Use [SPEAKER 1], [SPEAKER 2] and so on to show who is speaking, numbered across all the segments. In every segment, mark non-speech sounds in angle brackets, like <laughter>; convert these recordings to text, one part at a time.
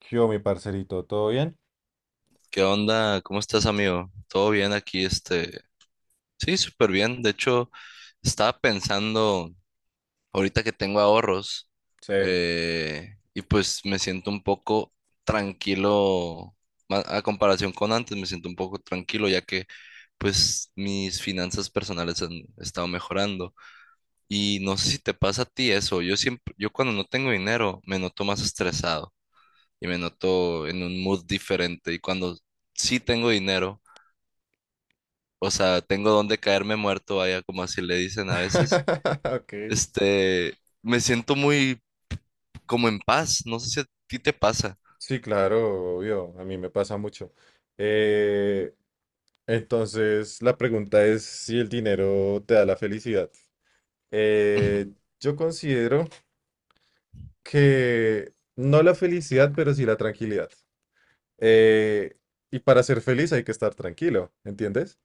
[SPEAKER 1] ¿Qué hubo, mi parcerito? ¿Todo bien?
[SPEAKER 2] ¿Qué onda? ¿Cómo estás, amigo? ¿Todo bien aquí? Este, sí, súper bien. De hecho, estaba pensando ahorita que tengo ahorros,
[SPEAKER 1] Sí.
[SPEAKER 2] y pues me siento un poco tranquilo a comparación con antes. Me siento un poco tranquilo ya que pues mis finanzas personales han estado mejorando. Y no sé si te pasa a ti eso. Yo siempre, yo cuando no tengo dinero me noto más estresado y me noto en un mood diferente. Y cuando sí tengo dinero, o sea, tengo donde caerme muerto, vaya, como así le dicen a veces.
[SPEAKER 1] <laughs> Ok.
[SPEAKER 2] Este, me siento muy como en paz, no sé si a ti te pasa.
[SPEAKER 1] Sí, claro, obvio, a mí me pasa mucho. Eh, entonces, la pregunta es si el dinero te da la felicidad.
[SPEAKER 2] <laughs> Ujú,
[SPEAKER 1] Eh, yo considero que no la felicidad, pero sí la tranquilidad. Eh, y para ser feliz hay que estar tranquilo, ¿entiendes?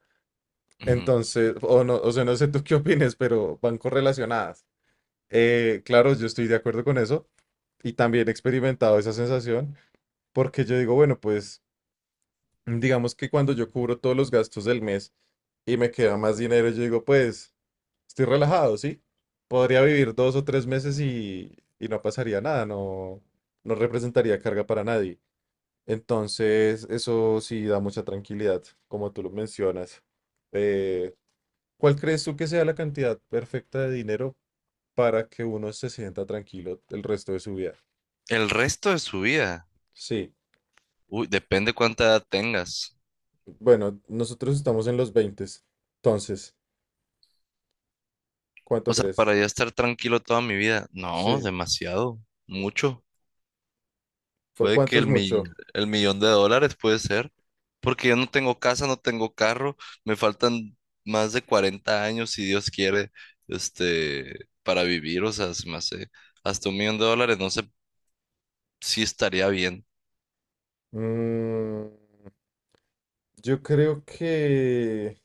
[SPEAKER 2] ujú.
[SPEAKER 1] Entonces, o no, o sea, no sé tú qué opines, pero van correlacionadas. Claro, yo estoy de acuerdo con eso y también he experimentado esa sensación porque yo digo, bueno, pues digamos que cuando yo cubro todos los gastos del mes y me queda más dinero, yo digo, pues estoy relajado, ¿sí? Podría vivir dos o tres meses y no pasaría nada, no, no representaría carga para nadie. Entonces, eso sí da mucha tranquilidad, como tú lo mencionas. Eh, ¿Cuál crees tú que sea la cantidad perfecta de dinero para que uno se sienta tranquilo el resto de su vida?
[SPEAKER 2] El resto de su vida,
[SPEAKER 1] Sí,
[SPEAKER 2] uy, depende cuánta edad tengas.
[SPEAKER 1] bueno, nosotros estamos en los 20. Entonces, ¿cuánto
[SPEAKER 2] O sea,
[SPEAKER 1] crees?
[SPEAKER 2] para ya estar tranquilo toda mi vida, no,
[SPEAKER 1] Sí,
[SPEAKER 2] demasiado, mucho.
[SPEAKER 1] ¿por
[SPEAKER 2] Puede
[SPEAKER 1] cuánto
[SPEAKER 2] que
[SPEAKER 1] es
[SPEAKER 2] el, mi-
[SPEAKER 1] mucho?
[SPEAKER 2] el millón de dólares puede ser, porque yo no tengo casa, no tengo carro, me faltan más de 40 años, si Dios quiere, este, para vivir, o sea, se me hace hasta 1 millón de dólares, no sé si estaría bien,
[SPEAKER 1] Mm, yo creo que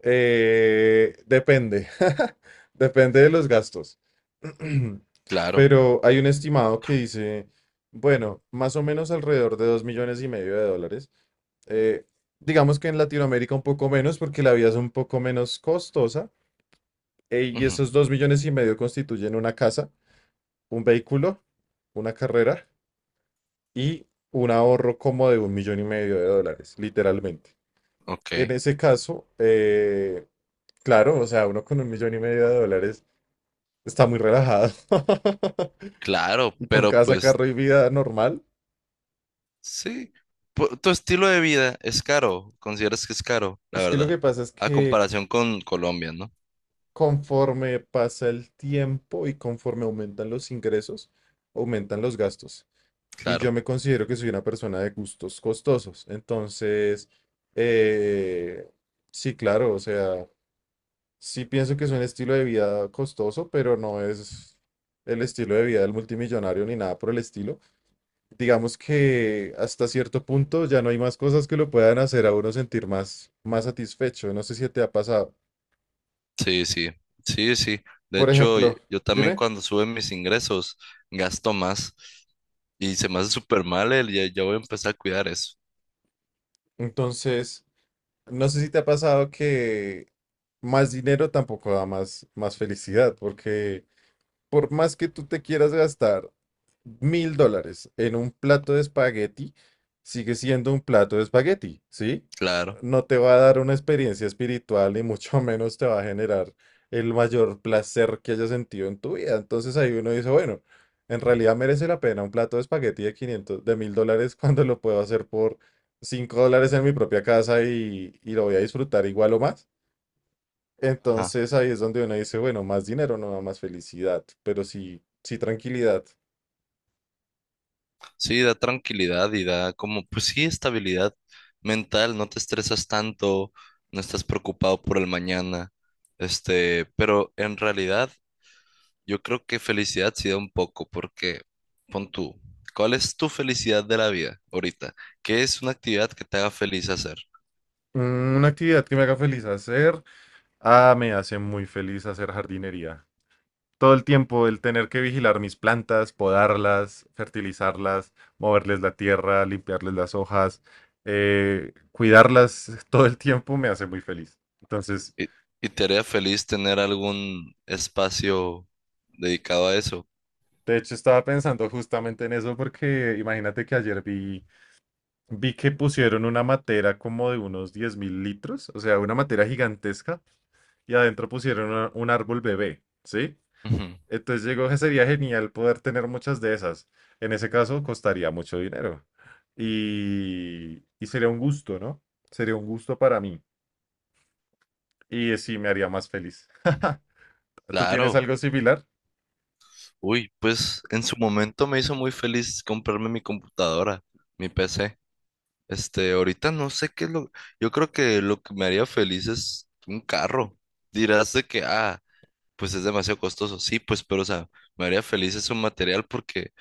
[SPEAKER 1] Depende, <laughs> depende de los gastos. <clears throat>
[SPEAKER 2] claro,
[SPEAKER 1] Pero hay un estimado que dice, bueno, más o menos alrededor de 2,5 millones de dólares. Eh, digamos que en Latinoamérica un poco menos porque la vida es un poco menos costosa. Y
[SPEAKER 2] ujú,
[SPEAKER 1] esos 2,5 millones constituyen una casa, un vehículo, una carrera y un ahorro como de 1,5 millones de dólares, literalmente.
[SPEAKER 2] ok,
[SPEAKER 1] En ese caso, claro, o sea, uno con 1,5 millones de dólares está muy relajado.
[SPEAKER 2] claro,
[SPEAKER 1] <laughs> Con
[SPEAKER 2] pero
[SPEAKER 1] casa,
[SPEAKER 2] pues
[SPEAKER 1] carro y vida normal.
[SPEAKER 2] sí. Tu estilo de vida es caro, consideras que es caro, la
[SPEAKER 1] Es que lo
[SPEAKER 2] verdad,
[SPEAKER 1] que pasa es
[SPEAKER 2] a
[SPEAKER 1] que
[SPEAKER 2] comparación con Colombia, ¿no?
[SPEAKER 1] conforme pasa el tiempo y conforme aumentan los ingresos, aumentan los gastos. Y yo
[SPEAKER 2] Claro.
[SPEAKER 1] me considero que soy una persona de gustos costosos. Entonces, eh, sí, claro, o sea, sí pienso que es un estilo de vida costoso, pero no es el estilo de vida del multimillonario ni nada por el estilo. Digamos que hasta cierto punto ya no hay más cosas que lo puedan hacer a uno sentir más, más satisfecho. No sé si te ha pasado.
[SPEAKER 2] Sí, sí, sí, sí. De
[SPEAKER 1] Por
[SPEAKER 2] hecho,
[SPEAKER 1] ejemplo,
[SPEAKER 2] yo también
[SPEAKER 1] dime,
[SPEAKER 2] cuando suben mis ingresos gasto más y se me hace súper mal ya, ya voy a empezar a cuidar eso.
[SPEAKER 1] entonces, no sé si te ha pasado que más dinero tampoco da más felicidad, porque por más que tú te quieras gastar 1000 dólares en un plato de espagueti, sigue siendo un plato de espagueti, ¿sí?
[SPEAKER 2] Claro.
[SPEAKER 1] No te va a dar una experiencia espiritual y mucho <laughs> menos te va a generar el mayor placer que hayas sentido en tu vida. Entonces ahí uno dice, bueno, en realidad merece la pena un plato de espagueti de 500, de 1000 dólares <laughs> cuando lo puedo hacer por 5 dólares en mi propia casa y lo voy a disfrutar igual o más.
[SPEAKER 2] Ajá.
[SPEAKER 1] Entonces ahí es donde uno dice, bueno, más dinero no da más felicidad, pero sí, sí tranquilidad.
[SPEAKER 2] Sí, da tranquilidad y da como, pues sí, estabilidad mental, no te estresas tanto, no estás preocupado por el mañana. Este, pero en realidad yo creo que felicidad sí da un poco porque pon tú, ¿cuál es tu felicidad de la vida ahorita? ¿Qué es una actividad que te haga feliz hacer?
[SPEAKER 1] Mm, una actividad que me haga feliz hacer. Ah, me hace muy feliz hacer jardinería. Todo el tiempo el tener que vigilar mis plantas, podarlas, fertilizarlas, moverles la tierra, limpiarles las hojas, cuidarlas <laughs> todo el tiempo me hace muy feliz. Entonces,
[SPEAKER 2] ¿Y, y te haría feliz tener algún espacio dedicado a eso?
[SPEAKER 1] de hecho, estaba pensando justamente en eso porque imagínate que ayer vi que pusieron una matera como de unos 10.000 litros, o sea, una matera gigantesca, y adentro pusieron un árbol bebé, ¿sí?
[SPEAKER 2] Ujú.
[SPEAKER 1] Entonces llegó que sería genial poder tener muchas de esas. En ese caso, costaría mucho dinero. Y sería un gusto, ¿no? Sería un gusto para mí. Y sí, me haría más feliz. ¿Tú tienes
[SPEAKER 2] Claro.
[SPEAKER 1] algo similar?
[SPEAKER 2] Uy, pues en su momento me hizo muy feliz comprarme mi computadora, mi PC. Este, ahorita no sé qué es lo... Yo creo que lo que me haría feliz es un carro. Dirás de que, ah, pues es demasiado costoso. Sí, pues, pero o sea, me haría feliz ese material porque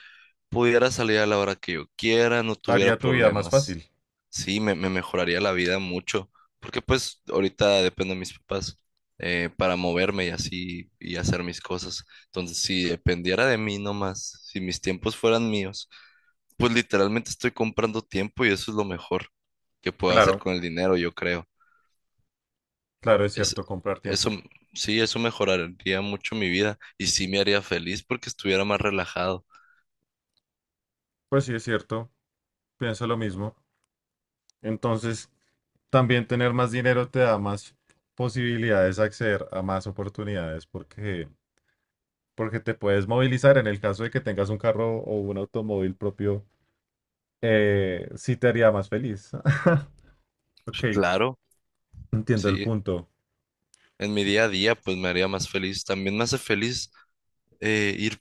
[SPEAKER 2] pudiera salir a la hora que yo quiera, no tuviera
[SPEAKER 1] Haría tu vida más
[SPEAKER 2] problemas.
[SPEAKER 1] fácil.
[SPEAKER 2] Sí, me mejoraría la vida mucho, porque pues ahorita dependo de mis papás, para moverme y así y hacer mis cosas. Entonces, si dependiera de mí nomás, si mis tiempos fueran míos, pues literalmente estoy comprando tiempo y eso es lo mejor que puedo hacer
[SPEAKER 1] Claro,
[SPEAKER 2] con el dinero, yo creo.
[SPEAKER 1] claro, es
[SPEAKER 2] Es,
[SPEAKER 1] cierto, comprar
[SPEAKER 2] eso,
[SPEAKER 1] tiempo.
[SPEAKER 2] sí, eso mejoraría mucho mi vida y sí me haría feliz porque estuviera más relajado.
[SPEAKER 1] Pues sí, es cierto, pienso lo mismo. Entonces, también tener más dinero te da más posibilidades de acceder a más oportunidades porque te puedes movilizar. En el caso de que tengas un carro o un automóvil propio, sí te haría más feliz. <laughs>
[SPEAKER 2] Pues,
[SPEAKER 1] Ok,
[SPEAKER 2] claro,
[SPEAKER 1] entiendo el
[SPEAKER 2] sí.
[SPEAKER 1] punto.
[SPEAKER 2] En mi día a día, pues me haría más feliz. También me hace feliz ir,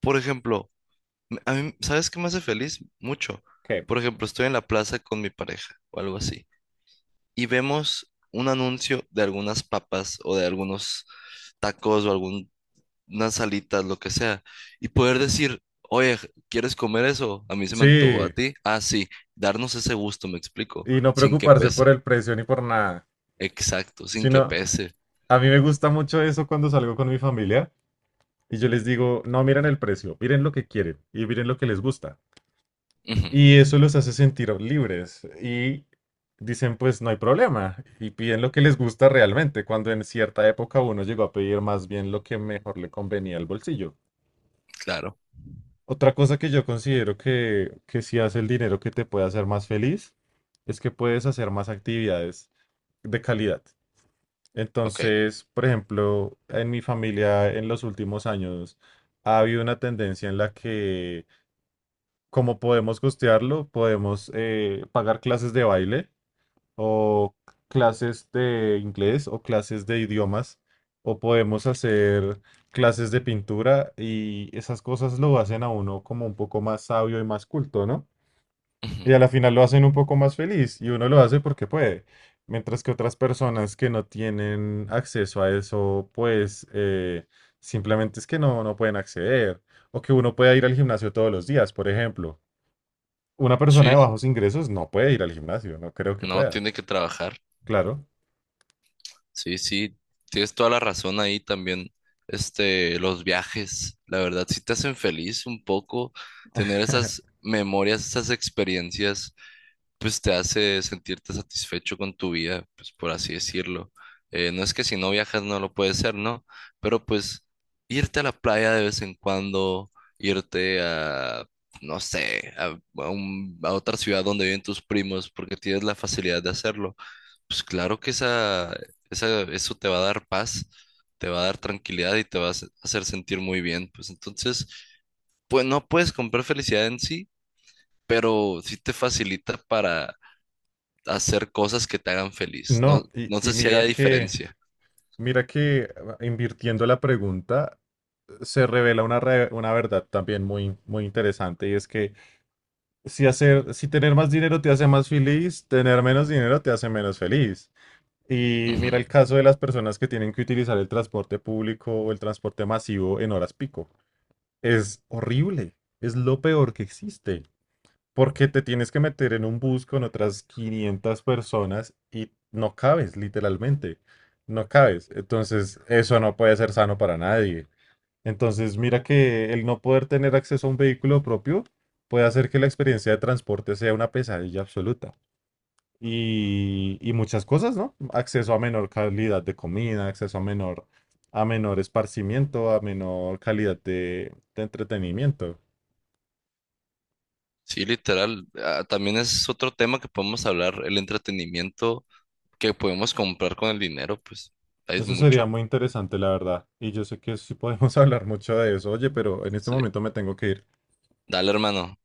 [SPEAKER 2] por ejemplo, a mí, ¿sabes qué me hace feliz? Mucho.
[SPEAKER 1] Ok.
[SPEAKER 2] Por ejemplo, estoy en la plaza con mi pareja o algo así y vemos un anuncio de algunas papas o de algunos tacos o algunas salitas, lo que sea, y poder decir, oye, ¿quieres comer eso? A mí se me antojó
[SPEAKER 1] Sí,
[SPEAKER 2] a ti. Ah, sí, darnos ese gusto, me explico,
[SPEAKER 1] y no
[SPEAKER 2] sin que
[SPEAKER 1] preocuparse por
[SPEAKER 2] pese.
[SPEAKER 1] el precio ni por nada,
[SPEAKER 2] Exacto, sin que
[SPEAKER 1] sino
[SPEAKER 2] pese.
[SPEAKER 1] a mí me gusta mucho eso cuando salgo con mi familia y yo les digo, no miren el precio, miren lo que quieren y miren lo que les gusta.
[SPEAKER 2] Ujú,
[SPEAKER 1] Y eso los hace sentir libres. Y dicen, pues no hay problema. Y piden lo que les gusta realmente, cuando en cierta época uno llegó a pedir más bien lo que mejor le convenía al bolsillo.
[SPEAKER 2] claro,
[SPEAKER 1] Otra cosa que yo considero que si hace el dinero que te puede hacer más feliz, es que puedes hacer más actividades de calidad.
[SPEAKER 2] ok.
[SPEAKER 1] Entonces, por ejemplo, en mi familia en los últimos años ha habido una tendencia en la que, como podemos costearlo, podemos pagar clases de baile o clases de inglés o clases de idiomas o podemos hacer clases de pintura y esas cosas lo hacen a uno como un poco más sabio y más culto, ¿no?
[SPEAKER 2] Ujú.
[SPEAKER 1] Y a la final lo hacen un poco más feliz y uno lo hace porque puede. Mientras que otras personas que no tienen acceso a eso, pues simplemente es que no pueden acceder. O que uno pueda ir al gimnasio todos los días, por ejemplo. Una persona
[SPEAKER 2] Sí.
[SPEAKER 1] de bajos ingresos no puede ir al gimnasio, no creo que
[SPEAKER 2] No,
[SPEAKER 1] pueda.
[SPEAKER 2] tiene que trabajar.
[SPEAKER 1] Claro.
[SPEAKER 2] Sí, sí, tienes toda la razón ahí también. Este, los viajes, la verdad, sí te hacen feliz un poco. Tener esas
[SPEAKER 1] <laughs>
[SPEAKER 2] memorias, esas experiencias, pues te hace sentirte satisfecho con tu vida, pues por así decirlo. No es que si no viajas no lo puedes ser, ¿no? Pero pues irte a la playa de vez en cuando, irte a, no sé, a, a otra ciudad donde viven tus primos, porque tienes la facilidad de hacerlo, pues claro que eso te va a dar paz, te va a dar tranquilidad y te va a hacer sentir muy bien. Pues entonces, pues no puedes comprar felicidad en sí, pero sí te facilita para hacer cosas que te hagan feliz. No,
[SPEAKER 1] No, y,
[SPEAKER 2] no
[SPEAKER 1] y
[SPEAKER 2] sé si
[SPEAKER 1] mira
[SPEAKER 2] haya
[SPEAKER 1] que,
[SPEAKER 2] diferencia.
[SPEAKER 1] mira que ah, invirtiendo la pregunta se revela una verdad también muy, muy interesante y es que si tener más dinero te hace más feliz, tener menos dinero te hace menos feliz. Y
[SPEAKER 2] Ujú.
[SPEAKER 1] mira el caso de las personas que tienen que utilizar el transporte público o el transporte masivo en horas pico. Es horrible, es lo peor que existe. Porque te tienes que meter en un bus con otras 500 personas y no cabes, literalmente. No cabes. Entonces, eso no puede ser sano para nadie. Entonces, mira que el no poder tener acceso a un vehículo propio puede hacer que la experiencia de transporte sea una pesadilla absoluta. Y muchas cosas, ¿no? Acceso a menor calidad de comida, acceso a menor esparcimiento, a menor calidad de entretenimiento.
[SPEAKER 2] Sí, literal. Ah, también es otro tema que podemos hablar, el entretenimiento, que podemos comprar con el dinero, pues es
[SPEAKER 1] Eso sería
[SPEAKER 2] mucho.
[SPEAKER 1] muy interesante, la verdad. Y yo sé que sí podemos <laughs> hablar mucho de eso. Oye, pero en este
[SPEAKER 2] Sí.
[SPEAKER 1] momento me tengo que ir.
[SPEAKER 2] Dale, hermano.